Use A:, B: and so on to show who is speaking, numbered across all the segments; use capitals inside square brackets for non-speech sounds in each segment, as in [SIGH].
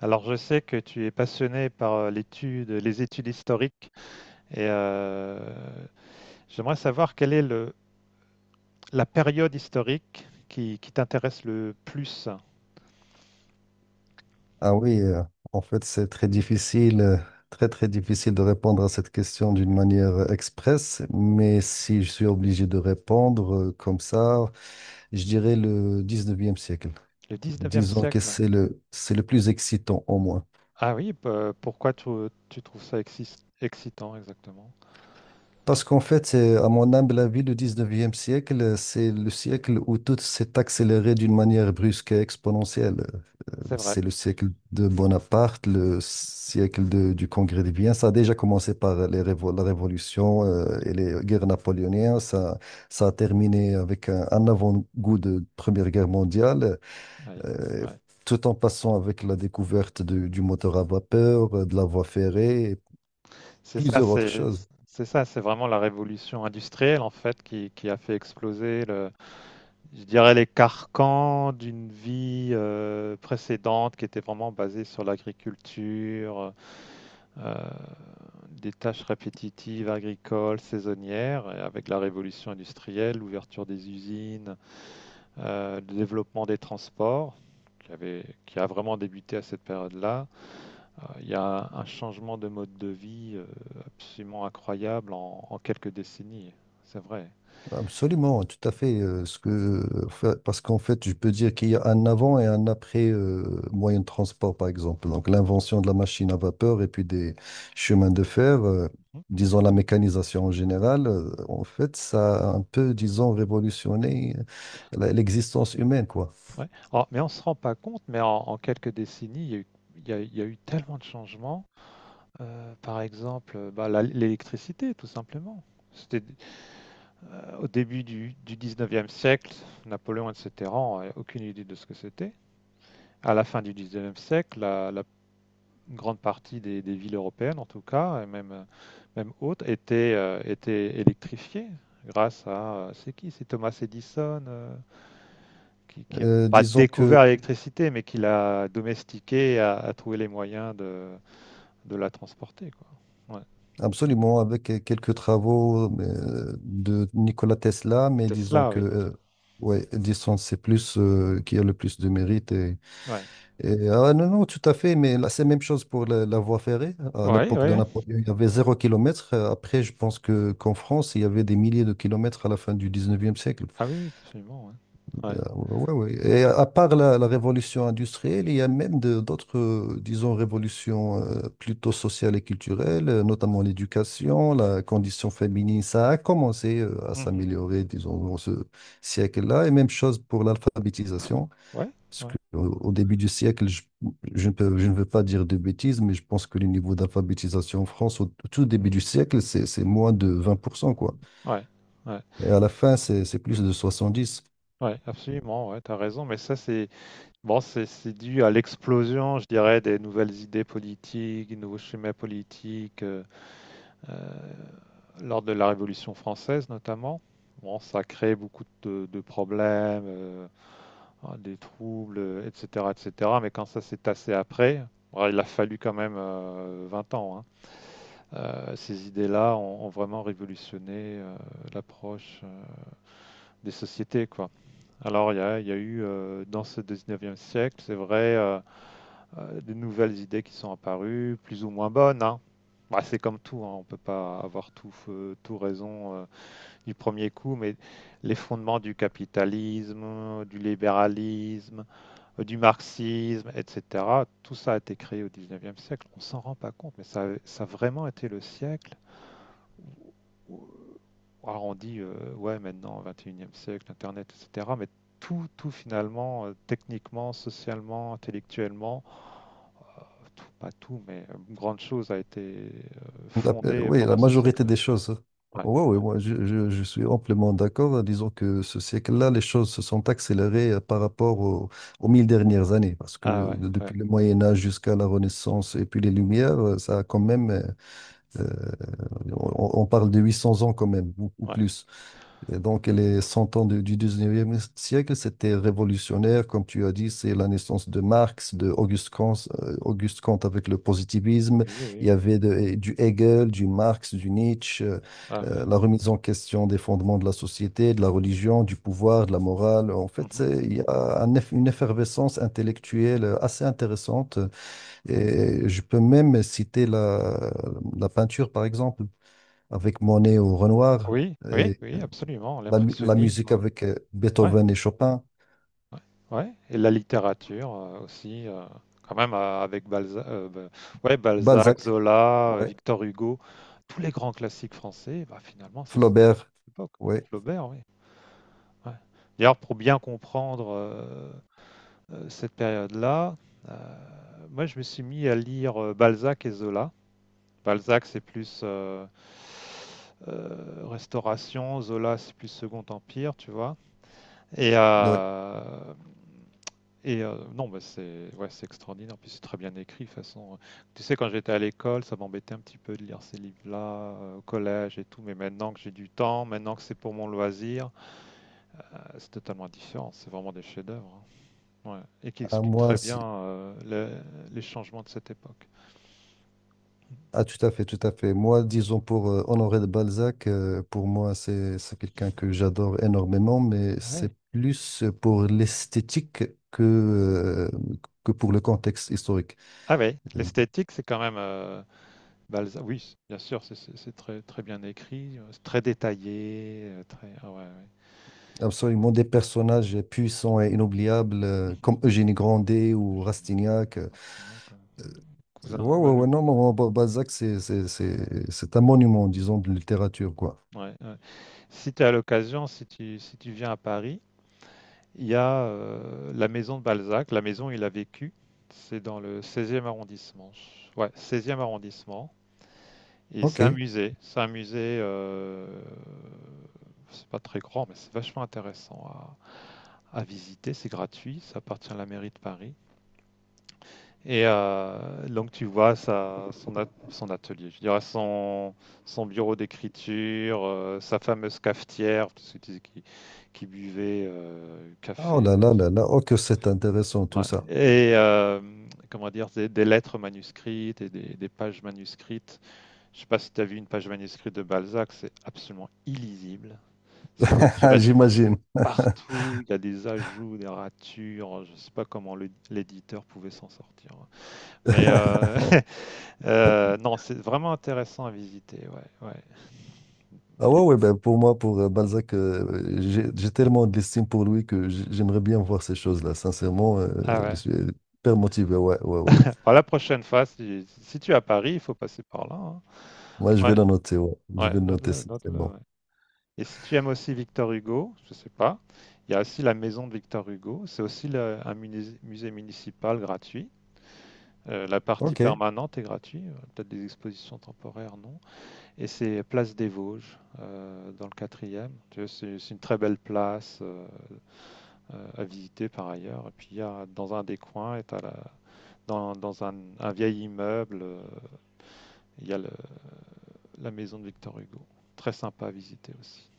A: Alors, je sais que tu es passionné par les études historiques et j'aimerais savoir quelle est la période historique qui t'intéresse le plus,
B: Ah oui, en fait, c'est très difficile, très très difficile de répondre à cette question d'une manière express, mais si je suis obligé de répondre comme ça, je dirais le 19e siècle.
A: le 19e
B: Disons que
A: siècle.
B: c'est le plus excitant au moins.
A: Ah oui, pourquoi tu trouves ça excitant exactement?
B: Parce qu'en fait, c'est, à mon humble avis, le 19e siècle, c'est le siècle où tout s'est accéléré d'une manière brusque et exponentielle.
A: C'est vrai.
B: C'est le siècle de Bonaparte, le siècle du Congrès des biens. Ça a déjà commencé par les la Révolution et les guerres napoléoniennes. Ça a terminé avec un avant-goût de Première Guerre mondiale,
A: Oui,
B: euh,
A: ouais.
B: tout en passant avec la découverte du moteur à vapeur, de la voie ferrée et
A: C'est ça,
B: plusieurs autres
A: c'est
B: choses.
A: c'est ça, c'est vraiment la révolution industrielle en fait qui a fait exploser, je dirais, les carcans d'une vie précédente qui était vraiment basée sur l'agriculture, euh, des tâches répétitives agricoles, saisonnières, et avec la révolution industrielle, l'ouverture des usines, le développement des transports, qui a vraiment débuté à cette période-là. Il y a un changement de mode de vie absolument incroyable en quelques décennies, c'est vrai.
B: Absolument, tout à fait. Parce qu'en fait, je peux dire qu'il y a un avant et un après moyen de transport, par exemple. Donc, l'invention de la machine à vapeur et puis des chemins de fer, disons la mécanisation en général, en fait, ça a un peu, disons, révolutionné l'existence humaine, quoi.
A: Ouais. Alors, mais on ne se rend pas compte, mais en quelques décennies, il y a eu, il y a eu tellement de changements. Par exemple, l'électricité, tout simplement. C'était au début du 19e siècle, Napoléon, etc., on n'avait aucune idée de ce que c'était. À la fin du 19e siècle, la grande partie des villes européennes, en tout cas, et même, même autres, étaient électrifiées grâce à... C'est qui? C'est Thomas Edison, qui a
B: Euh,
A: pas
B: disons
A: découvert
B: que,
A: l'électricité, mais qui l'a domestiquée, et a trouvé les moyens de la transporter, quoi. Ouais.
B: absolument, avec quelques travaux de Nikola Tesla, mais disons
A: Tesla,
B: que,
A: oui.
B: ouais, disons, c'est plus qui a le plus de mérite.
A: Ouais.
B: Et, ah, non, non, tout à fait, mais là, c'est la même chose pour la voie ferrée. À
A: Ouais, ouais,
B: l'époque de
A: ouais.
B: Napoléon, il y avait 0 kilomètre. Après, je pense que qu'en France, il y avait des milliers de kilomètres à la fin du 19e siècle.
A: Ah oui, oui, absolument, ouais. Ouais.
B: Ouais, ouais. Et à part la révolution industrielle, il y a même d'autres, disons, révolutions plutôt sociales et culturelles,
A: Ouais.
B: notamment l'éducation, la condition féminine. Ça a commencé à
A: Mhm.
B: s'améliorer, disons, dans ce siècle-là. Et même chose pour l'alphabétisation.
A: Ouais,
B: Parce
A: ouais,
B: qu'au début du siècle, je ne veux pas dire de bêtises, mais je pense que le niveau d'alphabétisation en France, au tout début du siècle, c'est moins de 20% quoi.
A: ouais. Ouais,
B: Et à la fin, c'est plus de 70.
A: ouais, absolument, ouais, t'as raison, mais ça c'est bon, c'est dû à l'explosion, je dirais, des nouvelles idées politiques, des nouveaux schémas politiques, euh, lors de la Révolution française notamment. Bon, ça a créé beaucoup de problèmes, hein, des troubles, etc., etc. Mais quand ça s'est tassé après, bon, il a fallu quand même 20 ans. Hein. Ces idées-là ont vraiment révolutionné l'approche des sociétés, quoi. Alors, il y a eu dans ce 19e siècle, c'est vrai, de nouvelles idées qui sont apparues, plus ou moins bonnes. Hein. Bah, c'est comme tout, hein, on ne peut pas avoir tout, tout raison du premier coup, mais les fondements du capitalisme, du libéralisme, du marxisme, etc., tout ça a été créé au 19e siècle. On s'en rend pas compte, mais ça a vraiment été le siècle. où- Alors on dit, ouais, maintenant, 21e siècle, Internet, etc., mais tout, tout finalement, techniquement, socialement, intellectuellement, tout, pas tout, mais une grande chose a été, fondée
B: Oui, la
A: pendant ces
B: majorité
A: siècles-là.
B: des choses.
A: Ouais,
B: Oui, oui,
A: ouais.
B: moi, je suis amplement d'accord. Disons que ce siècle-là, les choses se sont accélérées par
A: Mmh.
B: rapport aux 1000 dernières années, parce que
A: Ah ouais, ouais,
B: depuis le Moyen Âge jusqu'à la Renaissance et puis les Lumières, ça a quand même, euh, on parle de 800 ans quand même, ou
A: ouais.
B: plus. Et donc, les 100 ans du 19e siècle, c'était révolutionnaire. Comme tu as dit, c'est la naissance de Marx, de Auguste Kant avec le positivisme.
A: Oui,
B: Il y
A: oui.
B: avait du Hegel, du Marx, du Nietzsche,
A: Ah oui.
B: la remise en question des fondements de la société, de la religion, du pouvoir, de la morale. En fait,
A: Mmh.
B: il y a une effervescence intellectuelle assez intéressante. Et je peux même citer la peinture, par exemple, avec Monet ou Renoir.
A: Oui, oui, oui, absolument,
B: La musique
A: l'impressionnisme.
B: avec
A: Ouais,
B: Beethoven et Chopin,
A: ouais, ouais, et la littérature, aussi, quand même, avec ouais, Balzac,
B: Balzac,
A: Zola,
B: ouais,
A: Victor Hugo, tous les grands classiques français, bah, finalement, c'est cette
B: Flaubert,
A: époque.
B: ouais,
A: Flaubert, oui, ouais. D'ailleurs, pour bien comprendre, cette période-là, euh, moi je me suis mis à lire Balzac et Zola. Balzac c'est plus Restauration, Zola c'est plus Second Empire, tu vois. Et,
B: ouais.
A: euh, et non, bah, c'est ouais, c'est extraordinaire, puis c'est très bien écrit de toute façon. Tu sais, quand j'étais à l'école, ça m'embêtait un petit peu de lire ces livres-là au collège et tout, mais maintenant que j'ai du temps, maintenant que c'est pour mon loisir, c'est totalement différent, c'est vraiment des chefs-d'œuvre. Hein. Ouais, et qui
B: À
A: explique
B: moi,
A: très bien
B: si-
A: les changements de cette époque.
B: Ah, tout à fait, tout à fait. Moi, disons pour Honoré de Balzac, pour moi, c'est quelqu'un que j'adore énormément, mais
A: Ah oui.
B: c'est plus pour l'esthétique que euh, que pour le contexte historique.
A: Ah oui, l'esthétique, c'est quand même Balzac. Oui, bien sûr, c'est très, très bien écrit, c'est très détaillé, très. Ah ouais, ouais.
B: Absolument, des personnages puissants et inoubliables
A: Mhm.
B: comme Eugénie Grandet ou
A: Génial.
B: Rastignac.
A: Ah, c'est bien, quoi. Cousin, ah
B: Ouais,
A: bah,
B: ouais, ouais, non, non, oh, Balzac, c'est un monument, disons, de littérature, quoi.
A: ouais, ouais. Si tu as l'occasion, si tu viens à Paris, il y a la maison de Balzac, la maison où il a vécu. C'est dans le 16e arrondissement. Ouais, 16e arrondissement. Et c'est un
B: OK.
A: musée. C'est un musée. C'est pas très grand, mais c'est vachement intéressant à visiter. C'est gratuit. Ça appartient à la mairie de Paris. Et donc tu vois son atelier, je dirais son bureau d'écriture, sa fameuse cafetière, parce que tu disais qu'il buvait
B: Oh
A: café.
B: là là là là, oh que c'est intéressant tout
A: Ouais.
B: ça.
A: Et comment dire, des lettres manuscrites et des pages manuscrites. Je sais pas si tu as vu une page manuscrite de Balzac, c'est absolument illisible. C'est
B: [LAUGHS]
A: raturé de
B: J'imagine.
A: partout, il y a des ajouts, des ratures, je sais pas comment l'éditeur pouvait s'en sortir. Mais
B: [LAUGHS]
A: [LAUGHS] non, c'est vraiment intéressant à visiter, ouais, ouais.
B: Ah ouais,
A: Et-
B: ouais, ben pour moi, pour Balzac, j'ai tellement d'estime pour lui que j'aimerais bien voir ces choses-là. Sincèrement,
A: ah
B: je
A: ouais.
B: suis hyper motivé. Ouais, ouais, ouais.
A: Alors, la prochaine fois, si tu es à Paris, il faut passer par là. Hein.
B: Moi, je vais
A: Ouais,
B: le noter, ouais. Je
A: ouais,
B: vais le noter,
A: note-le,
B: c'est
A: note-le,
B: bon.
A: ouais. Et si tu aimes aussi Victor Hugo, je sais pas, il y a aussi la maison de Victor Hugo, c'est aussi un musée municipal gratuit. La partie
B: OK.
A: permanente est gratuite, peut-être des expositions temporaires, non. Et c'est Place des Vosges, dans le quatrième. Tu vois, c'est une très belle place à visiter par ailleurs. Et puis, il y a, dans un des coins, et t'as dans un vieil immeuble, il y a la maison de Victor Hugo. Très sympa à visiter aussi.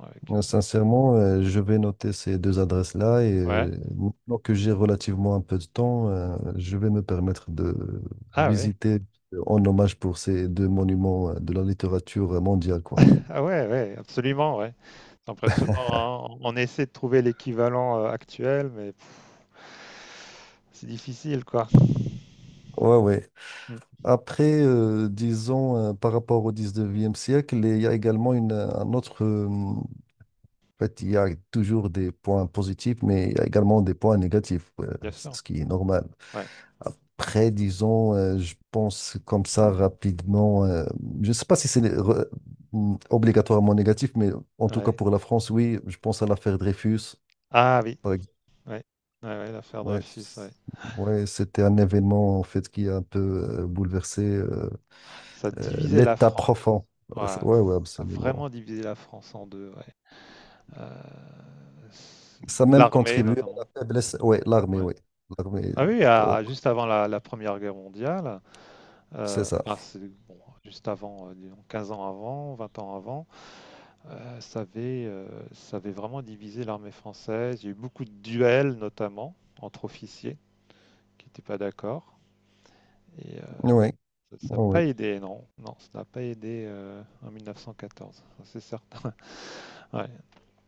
A: Avec,
B: Sincèrement, je vais noter ces deux adresses-là et
A: ouais.
B: maintenant que j'ai relativement un peu de temps, je vais me permettre de
A: Ah ouais,
B: visiter en hommage pour ces deux monuments de la littérature mondiale, quoi.
A: ah ouais, ouais, absolument, ouais. C'est impressionnant, hein. On essaie de trouver l'équivalent actuel, mais pff, c'est difficile, quoi.
B: Ouais, ouais.
A: Hmm.
B: Après, disons, par rapport au 19e siècle, il y a également une, un autre. En fait, il y a toujours des points positifs, mais il y a également des points négatifs, ouais,
A: Bien sûr,
B: ce qui est normal.
A: ouais,
B: Après, disons, je pense comme ça rapidement. Je ne sais pas si c'est obligatoirement négatif, mais en tout cas
A: ouais.
B: pour la France, oui, je pense à l'affaire Dreyfus.
A: Ah oui,
B: Par ex-
A: ouais, ouais, ouais, l'affaire
B: ouais,
A: Dreyfus, ouais.
B: ouais, c'était un événement en fait qui a un peu bouleversé
A: Ça a divisé la
B: l'État
A: France.
B: profond.
A: Ouais, ça
B: Ouais, ouais,
A: a vraiment
B: absolument.
A: divisé la France en deux, ouais. Euh,
B: Ça a même, ouais,
A: L'armée
B: contribué à
A: notamment.
B: la faiblesse. Ouais, l'armée,
A: Ouais.
B: oui. L'armée,
A: Ah oui,
B: donc, oh,
A: juste avant la Première Guerre mondiale,
B: c'est ça.
A: enfin, bon, juste avant, disons 15 ans avant, 20 ans avant, euh, ça avait, euh, ça avait vraiment divisé l'armée française. Il y a eu beaucoup de duels notamment entre officiers qui n'étaient pas d'accord. Ça n'a
B: Oui,
A: pas aidé, non. Non, ça n'a pas aidé en 1914, ça, c'est certain. [LAUGHS] Ouais.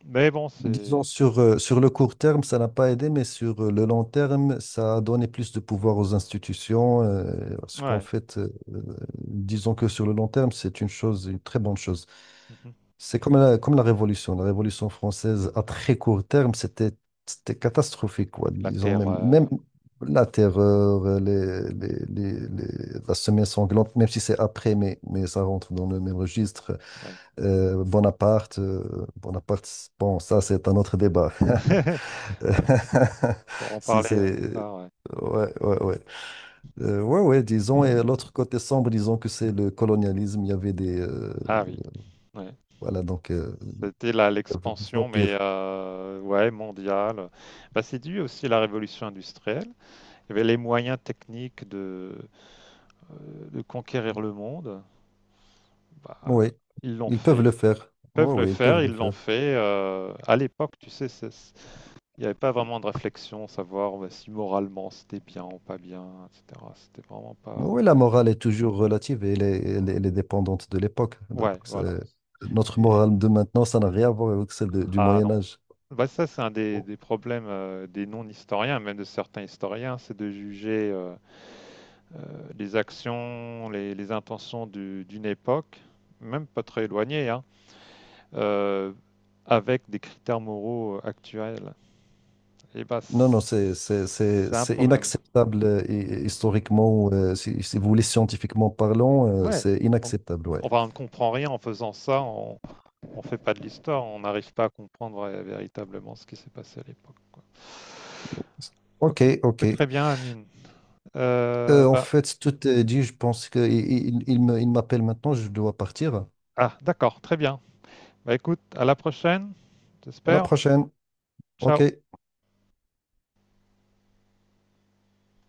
A: Mais bon,
B: disons,
A: c'est...
B: sur le court terme, ça n'a pas aidé, mais sur le long terme, ça a donné plus de pouvoir aux institutions, parce qu'en
A: Ouais.
B: fait, disons que sur le long terme, c'est une chose, une très bonne chose.
A: Mhm.
B: C'est comme la Révolution. La Révolution française, à très court terme, c'était catastrophique, quoi.
A: La
B: Disons, même, même
A: terreur.
B: la terreur, la semaine sanglante, même si c'est après, mais ça rentre dans le même registre.
A: Ouais.
B: Bonaparte, bon, ça c'est un autre débat.
A: [LAUGHS] Ouais. Pour
B: [LAUGHS]
A: en
B: Si
A: parler,
B: c'est.
A: ah, ouais.
B: Ouais, ouais, ouais. Ouais, ouais, disons, et l'autre côté sombre, disons que c'est le colonialisme. Il y avait des.
A: Ah oui, ouais.
B: Voilà, donc, il
A: C'était
B: y avait des
A: l'expansion, mais
B: empires.
A: ouais, mondiale. Bah, c'est dû aussi à la révolution industrielle. Il y avait les moyens techniques de conquérir le monde. Bah,
B: Oui,
A: ils l'ont
B: ils peuvent le
A: fait.
B: faire. Oui,
A: Peuvent le
B: oui, ils peuvent
A: faire,
B: le
A: ils l'ont
B: faire.
A: fait. À l'époque, tu sais, il n'y avait pas vraiment de réflexion, savoir bah, si moralement c'était bien ou pas bien, etc. C'était vraiment pas.
B: Oui, la morale est toujours relative et elle est, elle est-
A: Ouais,
B: elle est dépendante de l'époque. Donc,
A: ouais, voilà.
B: notre
A: Et-
B: morale de maintenant, ça n'a rien à voir avec celle du
A: Ah
B: Moyen
A: non.
B: Âge.
A: Bah, ça, c'est un des problèmes des non-historiens, même de certains historiens, c'est de juger les actions, les intentions d'une époque, même pas très éloignée, hein, euh, avec des critères moraux actuels. Et bah,
B: Non, non, c'est c'est- c'est-
A: c'est un
B: c'est
A: problème.
B: inacceptable
A: Ouais.
B: historiquement, si vous voulez, scientifiquement parlant,
A: Ouais.
B: c'est
A: On,
B: inacceptable, ouais.
A: enfin, on ne comprend rien en faisant ça, on ne fait pas de l'histoire, on n'arrive pas à comprendre véritablement ce qui s'est passé à l'époque, quoi.
B: Ok,
A: Ok.
B: ok.
A: Très bien, Amine. Euh,
B: En
A: bah,
B: fait, tout est dit, je pense qu'il il me- il m'appelle maintenant, je dois partir.
A: ah, d'accord, très bien. Bah écoute, à la prochaine,
B: À la
A: j'espère.
B: prochaine. Ok.
A: Ciao.